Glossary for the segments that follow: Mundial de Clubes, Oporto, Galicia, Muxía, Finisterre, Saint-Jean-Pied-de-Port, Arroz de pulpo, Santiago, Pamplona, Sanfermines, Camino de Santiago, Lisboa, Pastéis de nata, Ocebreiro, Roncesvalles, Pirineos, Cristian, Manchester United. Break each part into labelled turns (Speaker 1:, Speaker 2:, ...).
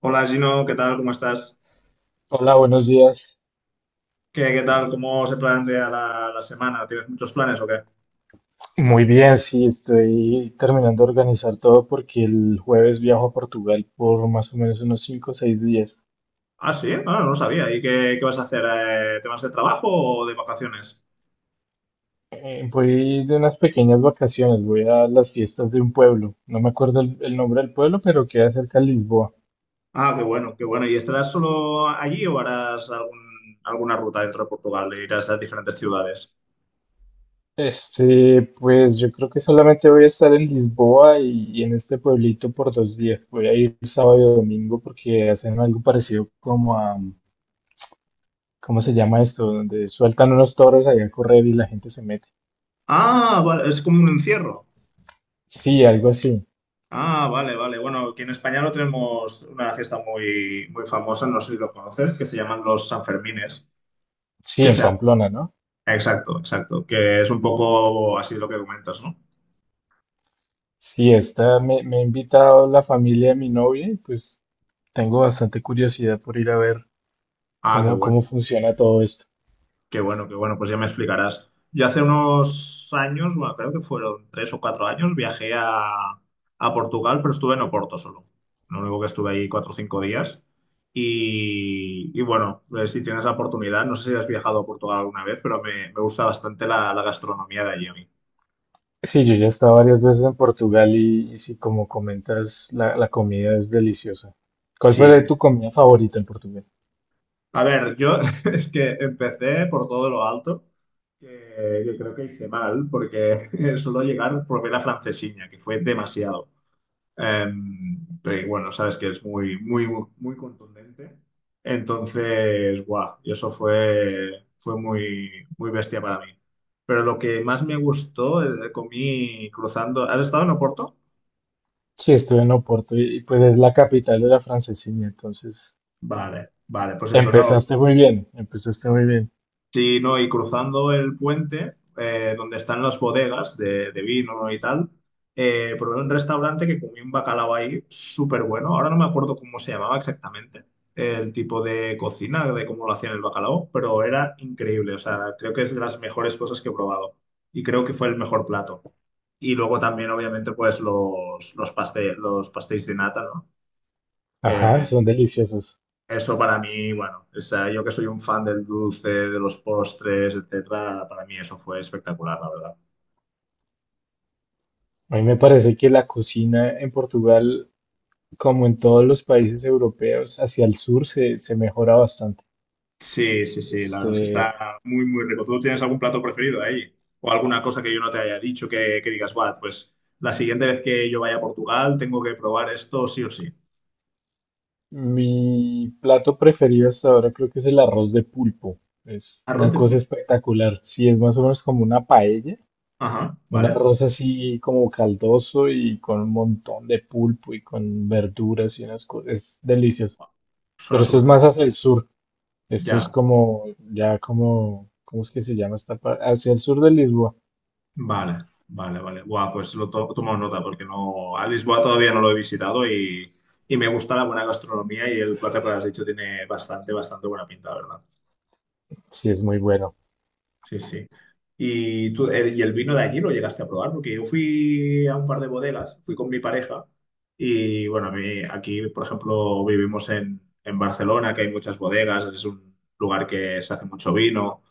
Speaker 1: Hola Gino, ¿qué tal? ¿Cómo estás?
Speaker 2: Hola, buenos días.
Speaker 1: ¿Qué tal? ¿Cómo se plantea la semana? ¿Tienes muchos planes o qué?
Speaker 2: Muy bien, sí, estoy terminando de organizar todo porque el jueves viajo a Portugal por más o menos unos 5 o 6 días.
Speaker 1: Ah, sí, ah, no lo sabía. ¿Y qué vas a hacer? ¿Te vas de trabajo o de vacaciones?
Speaker 2: Voy de unas pequeñas vacaciones, voy a las fiestas de un pueblo. No me acuerdo el nombre del pueblo, pero queda cerca de Lisboa.
Speaker 1: Ah, qué bueno, qué bueno. ¿Y estarás solo allí o harás alguna ruta dentro de Portugal? Irás a diferentes ciudades?
Speaker 2: Pues yo creo que solamente voy a estar en Lisboa y en este pueblito por 2 días. Voy a ir sábado y domingo porque hacen algo parecido ¿cómo se llama esto? Donde sueltan unos toros allá a correr y la gente se mete.
Speaker 1: Ah, vale, es como un encierro.
Speaker 2: Sí, algo así.
Speaker 1: Ah, vale, vale. Bueno, aquí en España lo tenemos una fiesta muy famosa, no sé si lo conoces, que se llaman los Sanfermines.
Speaker 2: Sí,
Speaker 1: Que
Speaker 2: en
Speaker 1: sea.
Speaker 2: Pamplona, ¿no?
Speaker 1: Exacto, exacto. Que es un poco así lo que comentas, ¿no?
Speaker 2: Sí, esta me ha invitado la familia de mi novia y pues tengo bastante curiosidad por ir a ver
Speaker 1: Ah, qué
Speaker 2: cómo,
Speaker 1: bueno,
Speaker 2: cómo funciona todo esto.
Speaker 1: qué bueno, qué bueno, pues ya me explicarás. Yo hace unos años, bueno, creo que fueron 3 o 4 años, viajé a Portugal, pero estuve en Oporto solo. Lo único que estuve ahí 4 o 5 días. Y bueno, si tienes la oportunidad, no sé si has viajado a Portugal alguna vez, pero me gusta bastante la gastronomía de allí a mí.
Speaker 2: Sí, yo ya he estado varias veces en Portugal y sí, como comentas, la comida es deliciosa. ¿Cuál fue
Speaker 1: Sí.
Speaker 2: tu comida favorita en Portugal?
Speaker 1: A ver, yo es que empecé por todo lo alto, que creo que hice mal, porque solo llegar probé la francesiña, que fue demasiado. Pero bueno, sabes que es muy contundente. Entonces, guau, y eso fue muy bestia para mí. Pero lo que más me gustó, comí cruzando. ¿Has estado en Oporto?
Speaker 2: Sí, estuve en Oporto y pues es la capital de la francesina, entonces
Speaker 1: Vale, vale, pues eso, no.
Speaker 2: empezaste muy bien, empezaste muy bien.
Speaker 1: Sí, no, y cruzando el puente, donde están las bodegas de vino y tal, probé un restaurante que comí un bacalao ahí súper bueno. Ahora no me acuerdo cómo se llamaba exactamente el tipo de cocina, de cómo lo hacían el bacalao, pero era increíble. O sea, creo que es de las mejores cosas que he probado y creo que fue el mejor plato. Y luego también, obviamente, pues los pastéis de nata, ¿no?
Speaker 2: Ajá,
Speaker 1: Que,
Speaker 2: son deliciosos.
Speaker 1: eso para mí, bueno, o sea, yo que soy un fan del dulce, de los postres, etcétera, para mí eso fue espectacular, la verdad.
Speaker 2: A mí me parece que la cocina en Portugal, como en todos los países europeos, hacia el sur se mejora bastante.
Speaker 1: Sí, sí, sí, la
Speaker 2: Este,
Speaker 1: verdad es que está muy rico. ¿Tú tienes algún plato preferido ahí? ¿O alguna cosa que yo no te haya dicho que digas, va, pues la siguiente vez que yo vaya a Portugal tengo que probar esto sí o sí?
Speaker 2: mi plato preferido hasta ahora creo que es el arroz de pulpo. Es
Speaker 1: Arroz
Speaker 2: una
Speaker 1: de
Speaker 2: cosa
Speaker 1: pulpo.
Speaker 2: espectacular. Sí, es más o menos como una paella,
Speaker 1: Ajá,
Speaker 2: un
Speaker 1: vale.
Speaker 2: arroz así como caldoso y con un montón de pulpo y con verduras y unas cosas. Es delicioso. Pero
Speaker 1: Suena
Speaker 2: esto es
Speaker 1: súper bien.
Speaker 2: más hacia el sur. Esto es
Speaker 1: Ya.
Speaker 2: como, ya como, ¿cómo es que se llama esta parte? Hacia el sur de Lisboa.
Speaker 1: Vale, vale, vale. Buah, pues tomo nota porque no, a Lisboa todavía no lo he visitado y me gusta la buena gastronomía y el plato que has dicho tiene bastante buena pinta, la ¿verdad?
Speaker 2: Sí, es muy bueno.
Speaker 1: Sí, sí. ¿Y tú, y el vino de allí lo llegaste a probar? Porque yo fui a un par de bodegas, fui con mi pareja y bueno, a mí aquí, por ejemplo, vivimos en Barcelona, que hay muchas bodegas, es un lugar que se hace mucho vino.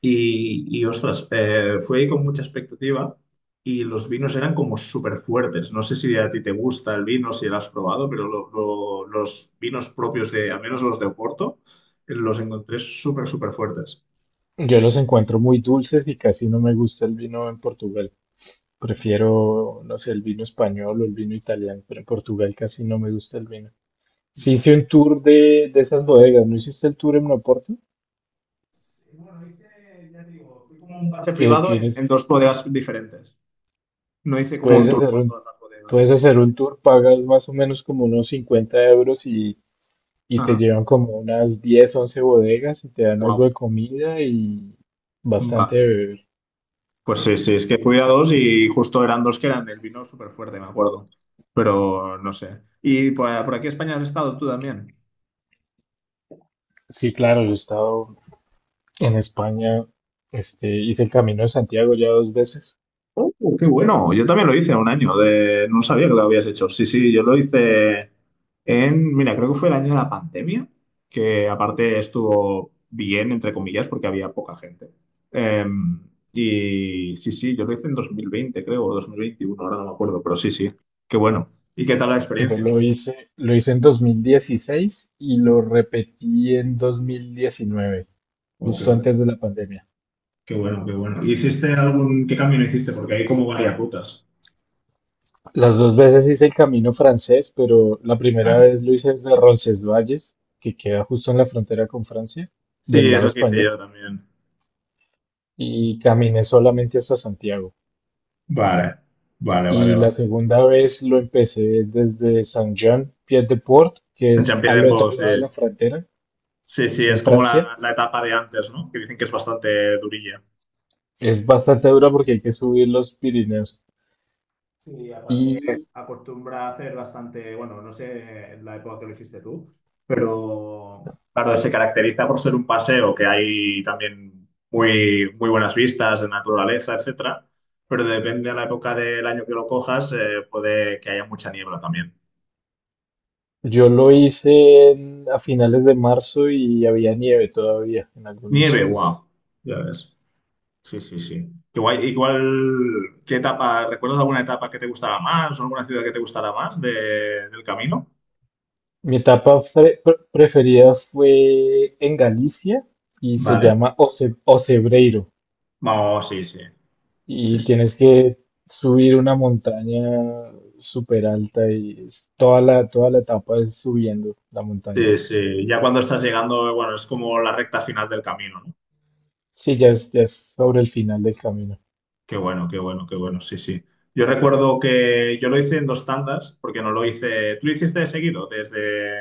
Speaker 1: Ostras, fui ahí con mucha expectativa y los vinos eran como súper fuertes. No sé si a ti te gusta el vino, si lo has probado, pero los vinos propios de, al menos los de Oporto, los encontré súper fuertes.
Speaker 2: Yo los encuentro muy dulces y casi no me gusta el vino en Portugal.
Speaker 1: Ya,
Speaker 2: Prefiero, no sé, el vino español o el vino italiano, pero en Portugal casi no me gusta el vino. Sí
Speaker 1: ya.
Speaker 2: hice un tour de esas bodegas, ¿no hiciste el tour en Oporto?
Speaker 1: Bueno, hice, ya te digo, fui como un pase
Speaker 2: Que
Speaker 1: privado en
Speaker 2: tienes,
Speaker 1: dos bodegas diferentes. No hice como
Speaker 2: puedes
Speaker 1: un tour
Speaker 2: hacer
Speaker 1: por
Speaker 2: un,
Speaker 1: todas las bodegas.
Speaker 2: puedes
Speaker 1: Hice...
Speaker 2: hacer un tour, pagas más o menos como unos 50 euros y te
Speaker 1: Ajá.
Speaker 2: llevan como unas 10, 11 bodegas y te dan algo de
Speaker 1: Wow.
Speaker 2: comida y bastante de
Speaker 1: Vale.
Speaker 2: beber.
Speaker 1: Pues sí, sí, es que fui a dos y justo eran dos que eran el vino súper fuerte, me acuerdo. Pero no sé. ¿Y por aquí en España has estado tú también?
Speaker 2: Sí, claro, yo he estado en España. Hice el Camino de Santiago ya 2 veces.
Speaker 1: Qué bueno, yo también lo hice un año, de... no sabía que lo habías hecho. Sí, sí, yo lo hice en, mira, creo que fue el año de la pandemia, que aparte estuvo bien, entre comillas, porque había poca gente. Em, y sí, sí, yo lo hice en 2020, creo, o 2021 ahora no me acuerdo, pero sí, sí, qué bueno. ¿Y qué tal la
Speaker 2: Yo
Speaker 1: experiencia?
Speaker 2: lo hice en 2016 y lo repetí en 2019,
Speaker 1: Oh, qué
Speaker 2: justo
Speaker 1: bueno.
Speaker 2: antes de la pandemia.
Speaker 1: Qué bueno, qué bueno. ¿Y hiciste algún... ¿Qué camino hiciste? Porque hay como varias rutas.
Speaker 2: Las 2 veces hice el camino francés, pero la primera
Speaker 1: Vale.
Speaker 2: vez lo hice desde Roncesvalles, que queda justo en la frontera con Francia,
Speaker 1: Sí,
Speaker 2: del lado
Speaker 1: eso que hice
Speaker 2: español,
Speaker 1: yo también.
Speaker 2: y caminé solamente hasta Santiago.
Speaker 1: Vale, vale, vale,
Speaker 2: Y la
Speaker 1: vale.
Speaker 2: segunda vez lo empecé desde Saint-Jean-Pied-de-Port, que
Speaker 1: En
Speaker 2: es
Speaker 1: Champions
Speaker 2: al
Speaker 1: de Polo,
Speaker 2: otro
Speaker 1: sí.
Speaker 2: lado de la frontera,
Speaker 1: Sí, sí,
Speaker 2: es en
Speaker 1: es como
Speaker 2: Francia.
Speaker 1: la etapa de antes, ¿no? Que dicen que es bastante durilla.
Speaker 2: Es bastante dura porque hay que subir los Pirineos.
Speaker 1: Sí, aparte
Speaker 2: Y
Speaker 1: acostumbra a hacer bastante, bueno, no sé en la época que lo hiciste tú, pero claro, se caracteriza por ser un paseo que hay también muy buenas vistas de naturaleza, etcétera, pero depende de la época del año que lo cojas, puede que haya mucha niebla también.
Speaker 2: yo lo hice a finales de marzo y había nieve todavía en algunos
Speaker 1: Nieve,
Speaker 2: sitios.
Speaker 1: wow, ya ves. Sí, sí, sí. Qué guay. Igual, ¿qué etapa? ¿Recuerdas alguna etapa que te gustara más o alguna ciudad que te gustara más del camino?
Speaker 2: Mi etapa preferida fue en Galicia y se
Speaker 1: Vale.
Speaker 2: llama Ocebreiro.
Speaker 1: Vamos, sí, sí. Sí,
Speaker 2: Y
Speaker 1: sí.
Speaker 2: tienes que subir una montaña súper alta y toda la etapa es subiendo la montaña.
Speaker 1: Sí, sí, ya cuando estás llegando, bueno, es como la recta final del camino, ¿no?
Speaker 2: Sí, ya es sobre el final del camino.
Speaker 1: Qué bueno, qué bueno, qué bueno, sí, sí. Yo recuerdo que yo lo hice en dos tandas, porque no lo hice, tú lo hiciste de seguido, desde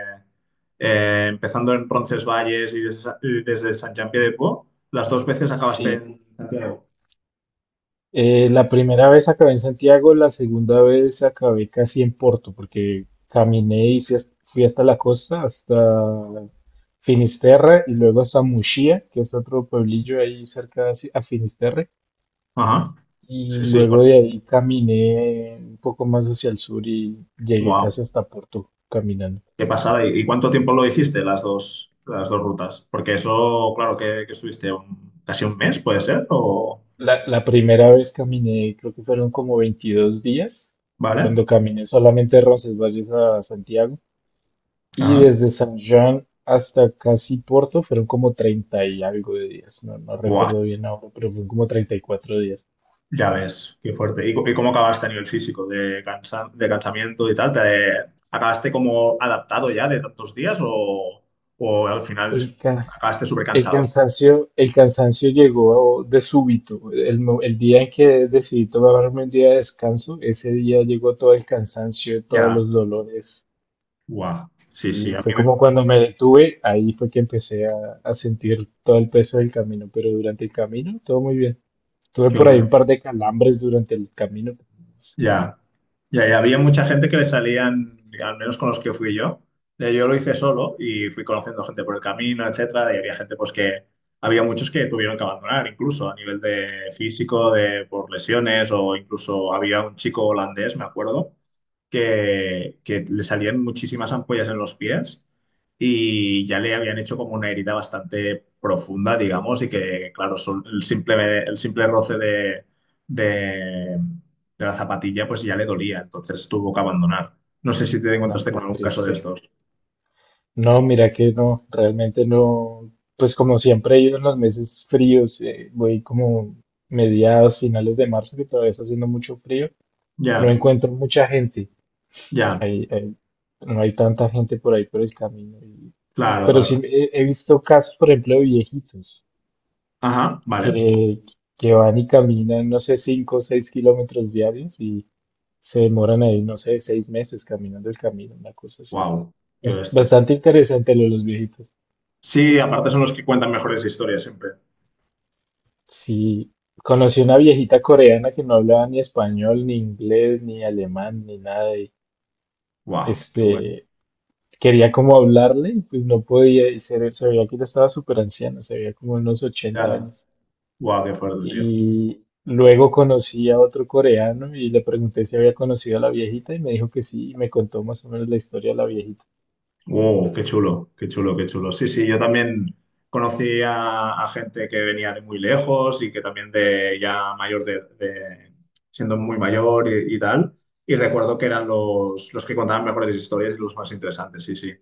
Speaker 1: empezando en Roncesvalles y desde, San de Po, las dos veces acabaste
Speaker 2: Sí.
Speaker 1: en Santiago.
Speaker 2: La primera vez acabé en Santiago, la segunda vez acabé casi en Porto, porque caminé y fui hasta la costa, hasta Finisterre y luego hasta Muxía, que es otro pueblillo ahí cerca de Ci- a Finisterre.
Speaker 1: Ajá, sí,
Speaker 2: Y
Speaker 1: sí,
Speaker 2: luego de ahí caminé un poco más hacia el sur y llegué
Speaker 1: wow,
Speaker 2: casi hasta Porto caminando.
Speaker 1: qué pasada. Y cuánto tiempo lo hiciste las dos rutas? Porque eso, claro, que estuviste casi un mes, puede ser, o...
Speaker 2: La primera vez caminé, creo que fueron como 22 días,
Speaker 1: ¿Vale?
Speaker 2: cuando caminé solamente de Roncesvalles a Santiago. Y
Speaker 1: Ajá.
Speaker 2: desde San Juan hasta casi Porto fueron como 30 y algo de días. No, no
Speaker 1: Buah,
Speaker 2: recuerdo bien ahora, pero fueron como 34 días.
Speaker 1: ya ves, qué fuerte. ¿Y, y cómo acabaste a nivel físico? ¿De de cansamiento y tal? ¿Te, acabaste como adaptado ya de tantos días o al final
Speaker 2: El, ca-
Speaker 1: acabaste súper
Speaker 2: el
Speaker 1: cansado?
Speaker 2: cansancio, el cansancio llegó de súbito. El día en que decidí tomarme un día de descanso, ese día llegó todo el cansancio, todos
Speaker 1: Ya.
Speaker 2: los dolores.
Speaker 1: Guau. Sí, sí,
Speaker 2: Y
Speaker 1: a
Speaker 2: fue
Speaker 1: mí me-
Speaker 2: como cuando me detuve, ahí fue que empecé a sentir todo el peso del camino, pero durante el camino todo muy bien. Tuve
Speaker 1: qué
Speaker 2: por ahí un
Speaker 1: bueno.
Speaker 2: par de calambres durante el camino.
Speaker 1: Ya, ya había mucha gente que le salían, al menos con los que fui yo. Yo lo hice solo y fui conociendo gente por el camino, etcétera, y había gente pues que había muchos que tuvieron que abandonar, incluso a nivel de físico, de por lesiones, o incluso había un chico holandés, me acuerdo, que le salían muchísimas ampollas en los pies y ya le habían hecho como una herida bastante profunda, digamos, y que, claro, el simple roce de, de la zapatilla pues ya le dolía, entonces tuvo que abandonar. No sé si te
Speaker 2: No,
Speaker 1: encontraste
Speaker 2: qué
Speaker 1: con algún caso de
Speaker 2: triste.
Speaker 1: estos.
Speaker 2: No, mira que no, realmente no. Pues como siempre he ido en los meses fríos, voy como mediados, finales de marzo, que todavía está haciendo mucho frío. No
Speaker 1: Ya,
Speaker 2: encuentro mucha gente.
Speaker 1: ya,
Speaker 2: Hay, hay- no hay tanta gente por ahí por el camino. Y-
Speaker 1: claro,
Speaker 2: pero
Speaker 1: claro.
Speaker 2: sí he visto casos, por ejemplo, de viejitos
Speaker 1: Ajá, vale.
Speaker 2: que, que van y caminan, no sé, 5, o 6 kilómetros diarios y se demoran ahí, no sé, 6 meses caminando el camino, una cosa así.
Speaker 1: Wow, qué
Speaker 2: Bas-
Speaker 1: bestias.
Speaker 2: Bastante interesante lo de los viejitos.
Speaker 1: Sí, aparte son los que cuentan mejores historias siempre.
Speaker 2: Sí, conocí una viejita coreana que no hablaba ni español, ni inglés, ni alemán, ni nada. Y,
Speaker 1: Wow, qué bueno.
Speaker 2: este, quería como hablarle, y pues no podía, y se veía que ella estaba súper anciana, se veía como unos ochenta
Speaker 1: Ya,
Speaker 2: años.
Speaker 1: wow, qué fuerte, tío.
Speaker 2: Y luego conocí a otro coreano y le pregunté si había conocido a la viejita y me dijo que sí, y me contó más o menos la historia de la viejita.
Speaker 1: Wow, qué chulo, qué chulo, qué chulo. Sí, sí, yo también conocí a gente que venía de muy lejos y que también de ya mayor siendo muy mayor y tal. Y recuerdo que eran los que contaban mejores historias y los más interesantes, sí, sí.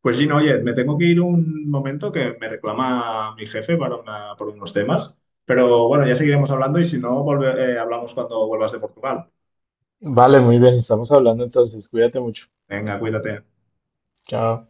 Speaker 1: Pues Gino, oye, me tengo que ir un momento que me reclama mi jefe para por unos temas. Pero bueno, ya seguiremos hablando y si no, hablamos cuando vuelvas de Portugal.
Speaker 2: Vale, muy bien, estamos hablando entonces, cuídate mucho.
Speaker 1: Venga, cuídate.
Speaker 2: Chao.